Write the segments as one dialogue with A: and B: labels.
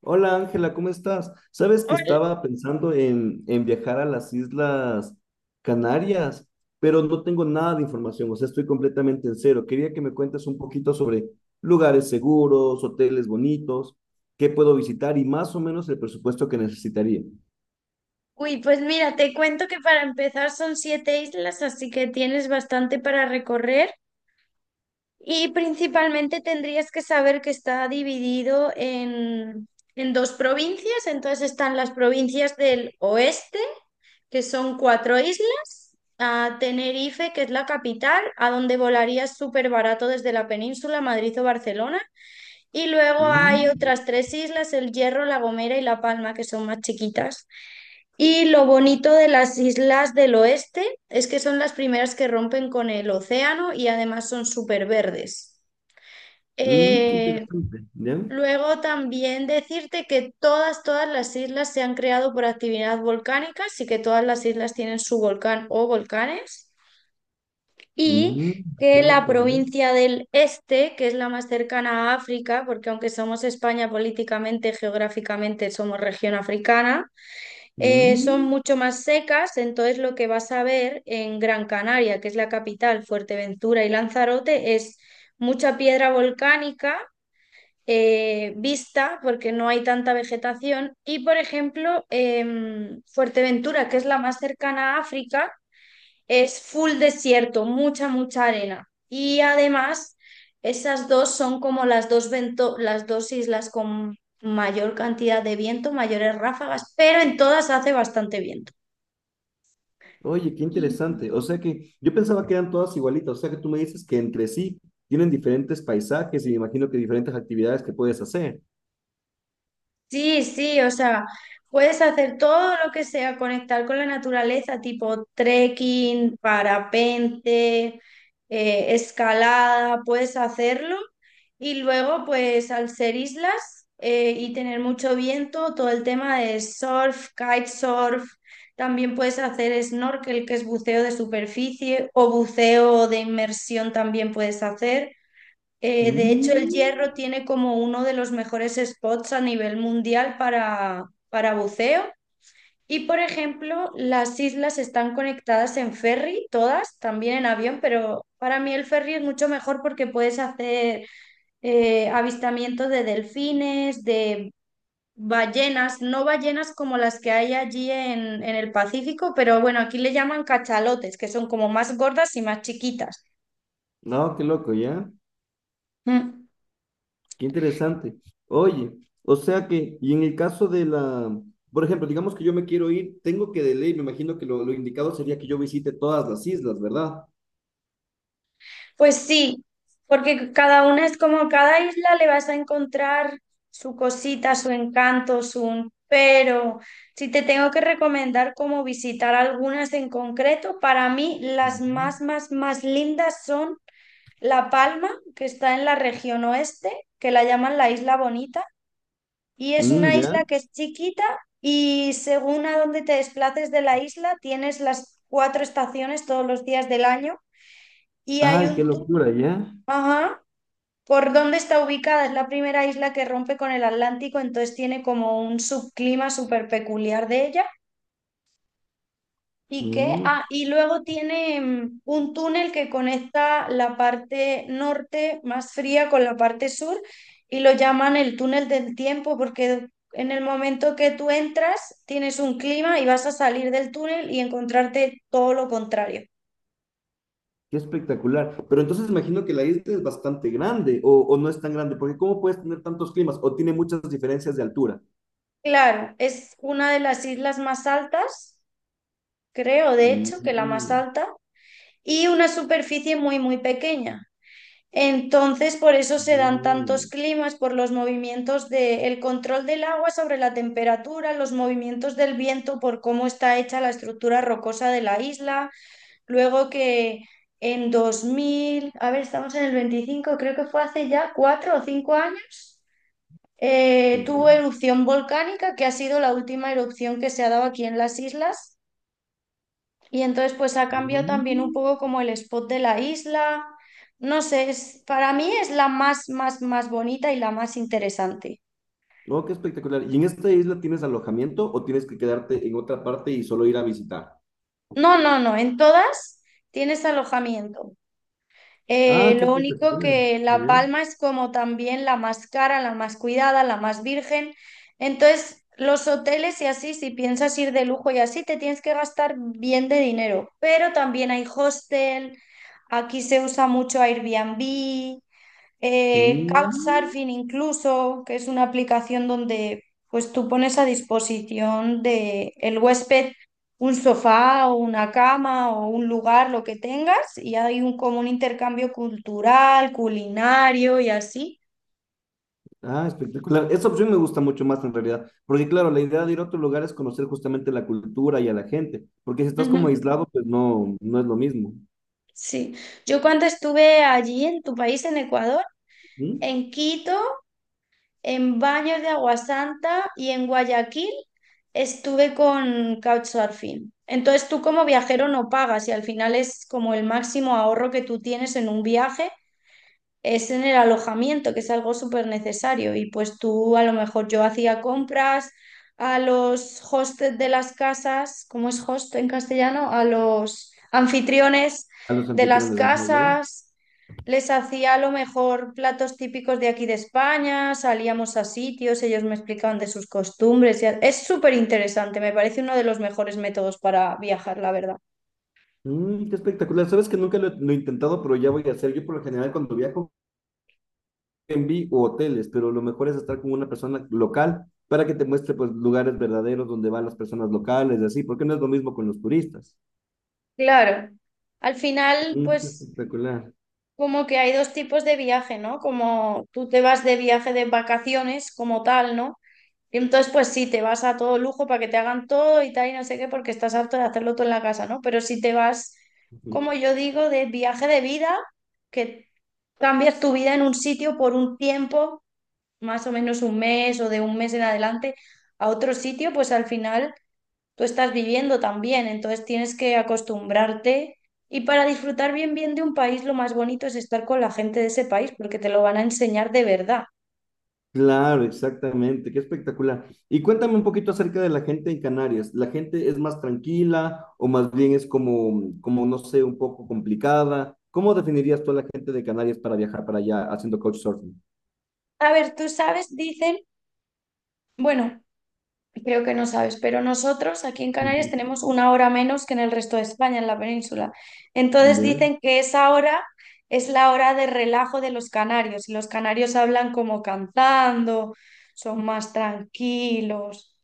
A: Hola Ángela, ¿cómo estás? Sabes que
B: Hola.
A: estaba pensando en viajar a las Islas Canarias, pero no tengo nada de información, o sea, estoy completamente en cero. Quería que me cuentes un poquito sobre lugares seguros, hoteles bonitos, qué puedo visitar y más o menos el presupuesto que necesitaría.
B: Uy, pues mira, te cuento que para empezar son siete islas, así que tienes bastante para recorrer y principalmente tendrías que saber que está dividido en dos provincias, entonces están las provincias del oeste, que son cuatro islas, a Tenerife, que es la capital, a donde volarías súper barato desde la península, Madrid o Barcelona, y luego hay
A: Mm,
B: otras tres islas, El Hierro, La Gomera y La Palma, que son más chiquitas. Y lo bonito de las islas del oeste es que son las primeras que rompen con el océano y además son súper verdes.
A: Qué
B: Eh,
A: interesante, ¿ya?
B: Luego también decirte que todas las islas se han creado por actividad volcánica, así que todas las islas tienen su volcán o volcanes. Y
A: Mm, Qué
B: que la
A: loco, ¿ya?
B: provincia del este, que es la más cercana a África, porque aunque somos España políticamente, geográficamente somos región africana, son
A: Mm.
B: mucho más secas, entonces lo que vas a ver en Gran Canaria, que es la capital, Fuerteventura y Lanzarote, es mucha piedra volcánica vista porque no hay tanta vegetación. Y por ejemplo, Fuerteventura, que es la más cercana a África, es full desierto, mucha, mucha arena. Y además, esas dos son como las dos islas con mayor cantidad de viento, mayores ráfagas, pero en todas hace bastante viento.
A: Oye, qué interesante. O sea que yo pensaba que eran todas igualitas. O sea que tú me dices que entre sí tienen diferentes paisajes y me imagino que diferentes actividades que puedes hacer.
B: Sí, sí, o sea, puedes hacer todo lo que sea, conectar con la naturaleza, tipo trekking, parapente, escalada, puedes hacerlo. Y luego, pues al ser islas y tener mucho viento, todo el tema de surf, kitesurf, también puedes hacer snorkel, que es buceo de superficie, o buceo de inmersión también puedes hacer. De hecho, el
A: Mm,
B: Hierro tiene como uno de los mejores spots a nivel mundial para buceo. Y, por ejemplo, las islas están conectadas en ferry, todas, también en avión, pero para mí el ferry es mucho mejor porque puedes hacer avistamientos de delfines, de ballenas, no ballenas como las que hay allí en el Pacífico, pero bueno, aquí le llaman cachalotes, que son como más gordas y más chiquitas.
A: no, qué loco, ¿ya?
B: Mm.
A: Qué interesante. Oye, o sea que, y en el caso de la, por ejemplo, digamos que yo me quiero ir, tengo que de ley, me imagino que lo indicado sería que yo visite todas las islas, ¿verdad?
B: Pues sí, porque cada una es como cada isla le vas a encontrar su cosita, su encanto, su... Pero si te tengo que recomendar cómo visitar algunas en concreto, para mí las
A: Ujú.
B: más, más, más lindas son La Palma, que está en la región oeste, que la llaman la Isla Bonita, y es una
A: ¿Ya?
B: isla que es chiquita y según a dónde te desplaces de la isla, tienes las cuatro estaciones todos los días del año y hay
A: Ay, qué
B: un tour.
A: locura, ¿ya?
B: ¿Por dónde está ubicada? Es la primera isla que rompe con el Atlántico, entonces tiene como un subclima súper peculiar de ella.
A: Mm,
B: Y luego tiene un túnel que conecta la parte norte más fría con la parte sur y lo llaman el túnel del tiempo porque en el momento que tú entras tienes un clima y vas a salir del túnel y encontrarte todo lo contrario.
A: Qué espectacular. Pero entonces imagino que la isla es bastante grande o no es tan grande, porque ¿cómo puedes tener tantos climas? O tiene muchas diferencias de altura.
B: Claro, es una de las islas más altas, creo, de
A: Mm,
B: hecho, que la más
A: mm,
B: alta y una superficie muy, muy pequeña. Entonces, por eso se dan tantos climas, por los movimientos del de control del agua sobre la temperatura, los movimientos del viento, por cómo está hecha la estructura rocosa de la isla. Luego que en 2000, a ver, estamos en el 25, creo que fue hace ya 4 o 5 años, tuvo
A: ya.
B: erupción volcánica, que ha sido la última erupción que se ha dado aquí en las islas y entonces pues ha cambiado también un
A: Mm.
B: poco como el spot de la isla. No sé, es, para mí es la más, más, más bonita y la más interesante.
A: Oh, qué espectacular. ¿Y en esta isla tienes alojamiento o tienes que quedarte en otra parte y solo ir a visitar?
B: No, no, no, en todas tienes alojamiento.
A: Ah, qué
B: Lo único
A: espectacular.
B: que La
A: Bien.
B: Palma es como también la más cara, la más cuidada, la más virgen. Entonces, los hoteles y así, si piensas ir de lujo y así, te tienes que gastar bien de dinero. Pero también hay hostel, aquí se usa mucho Airbnb.
A: Mm.
B: Couchsurfing incluso, que es una aplicación donde pues tú pones a disposición de el huésped un sofá o una cama o un lugar, lo que tengas, y hay un como un intercambio cultural, culinario y así.
A: Ah, espectacular. Esa opción me gusta mucho más en realidad, porque claro, la idea de ir a otro lugar es conocer justamente la cultura y a la gente, porque si estás como
B: Ujú.
A: aislado, pues no, no es lo mismo.
B: Sí. Yo cuando estuve allí en tu país, en Ecuador,
A: ¿Mm?
B: en Quito, en Baños de Agua Santa y en Guayaquil estuve con Couchsurfing. Entonces tú como viajero no pagas y al final es como el máximo ahorro que tú tienes en un viaje es en el alojamiento, que es algo súper necesario. Y pues tú, a lo mejor yo hacía compras a los hostes de las casas, ¿cómo es host en castellano? A los anfitriones
A: A los
B: de las
A: anfitriones, ajá, ya.
B: casas, les hacía a lo mejor platos típicos de aquí de España, salíamos a sitios, ellos me explicaban de sus costumbres Es súper interesante, me parece uno de los mejores métodos para viajar, la verdad.
A: Qué espectacular. Sabes que nunca he lo he intentado, pero ya voy a hacer. Yo por lo general cuando viajo, Airbnb o hoteles, pero lo mejor es estar con una persona local para que te muestre pues lugares verdaderos donde van las personas locales y así, porque no es lo mismo con los turistas.
B: Claro. Al final,
A: Qué
B: pues
A: espectacular.
B: como que hay dos tipos de viaje, ¿no? Como tú te vas de viaje de vacaciones como tal, ¿no? Y entonces, pues sí, te vas a todo lujo para que te hagan todo y tal y no sé qué, porque estás harto de hacerlo todo en la casa, ¿no? Pero si te vas, como yo digo, de viaje de vida, que cambias tu vida en un sitio por un tiempo, más o menos un mes o de un mes en adelante, a otro sitio, pues al final tú estás viviendo también, entonces tienes que acostumbrarte y para disfrutar bien bien de un país lo más bonito es estar con la gente de ese país porque te lo van a enseñar de verdad.
A: Claro, exactamente, qué espectacular. Y cuéntame un poquito acerca de la gente en Canarias. ¿La gente es más tranquila o más bien es como, no sé, un poco complicada? ¿Cómo definirías tú a la gente de Canarias para viajar para allá haciendo couchsurfing?
B: A ver, tú sabes, dicen, bueno, creo que no sabes, pero nosotros aquí en Canarias
A: Ujú.
B: tenemos una hora menos que en el resto de España, en la península. Entonces
A: ¿Ya?
B: dicen que esa hora es la hora de relajo de los canarios y los canarios hablan como cantando, son más tranquilos,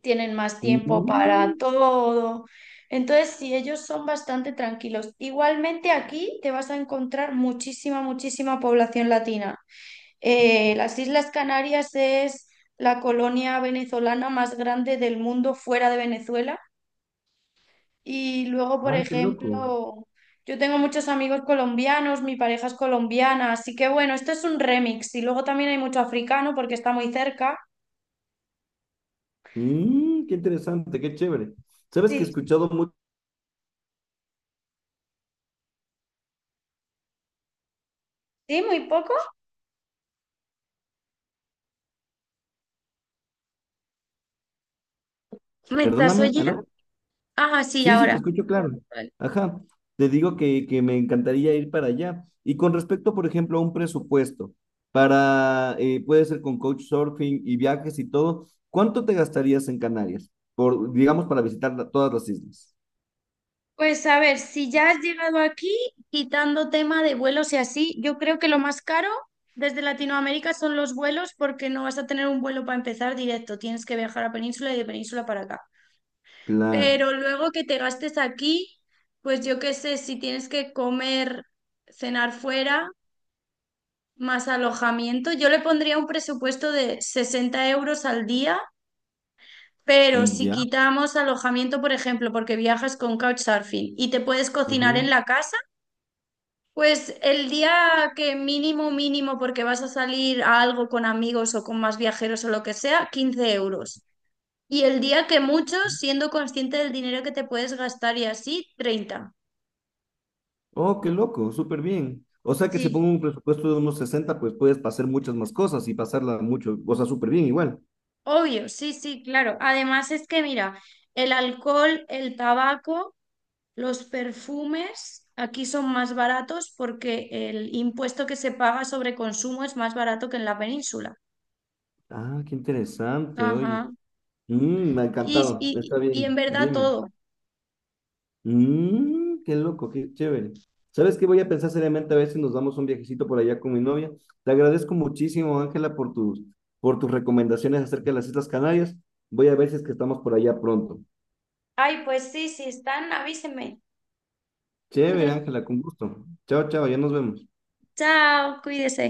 B: tienen más tiempo para
A: Mm,
B: todo. Entonces, sí, ellos son bastante tranquilos. Igualmente aquí te vas a encontrar muchísima, muchísima población latina. Las Islas Canarias es la colonia venezolana más grande del mundo fuera de Venezuela. Y luego, por
A: Ah, qué loco.
B: ejemplo, yo tengo muchos amigos colombianos, mi pareja es colombiana, así que bueno, esto es un remix. Y luego también hay mucho africano porque está muy cerca.
A: Qué interesante, qué chévere. ¿Sabes que he
B: Sí,
A: escuchado mucho?
B: sí, muy poco. ¿Me estás
A: Perdóname,
B: oyendo?
A: ¿aló?
B: Ah, sí,
A: Sí, sí, te
B: ahora.
A: escucho claro.
B: Vale.
A: Ajá. Te digo que me encantaría ir para allá. Y con respecto, por ejemplo, a un presupuesto para, puede ser con couchsurfing y viajes y todo, ¿cuánto te gastarías en Canarias? Por, digamos, para visitar todas las islas.
B: Pues a ver, si ya has llegado aquí, quitando tema de vuelos y así, yo creo que lo más caro desde Latinoamérica son los vuelos porque no vas a tener un vuelo para empezar directo, tienes que viajar a Península y de Península para acá.
A: Claro.
B: Pero luego que te gastes aquí, pues yo qué sé, si tienes que comer, cenar fuera, más alojamiento, yo le pondría un presupuesto de 60 euros al día. Pero si
A: Ya.
B: quitamos alojamiento, por ejemplo, porque viajas con couchsurfing y te puedes cocinar en
A: Ujú.
B: la casa, pues el día que mínimo, mínimo, porque vas a salir a algo con amigos o con más viajeros o lo que sea, 15 euros. Y el día que muchos, siendo consciente del dinero que te puedes gastar y así, 30.
A: Oh, qué loco, súper bien. O sea que si
B: Sí,
A: pongo un presupuesto de unos 60, pues puedes hacer muchas más cosas y pasarla mucho, o sea, súper bien igual.
B: obvio, sí, sí, claro. Además es que mira, el alcohol, el tabaco, los perfumes aquí son más baratos porque el impuesto que se paga sobre consumo es más barato que en la península.
A: Ah, qué interesante, oye.
B: Ajá.
A: Me ha
B: Y,
A: encantado.
B: y,
A: Está
B: y en
A: bien,
B: verdad
A: dime.
B: todo.
A: Qué loco, qué chévere. ¿Sabes qué? Voy a pensar seriamente a ver si nos damos un viajecito por allá con mi novia. Te agradezco muchísimo, Ángela, por tus recomendaciones acerca de las Islas Canarias. Voy a ver si es que estamos por allá pronto.
B: Ay, pues sí, si están, avíseme.
A: Chévere, Ángela, con gusto. Chao, chao, ya nos vemos.
B: Chao, cuídese.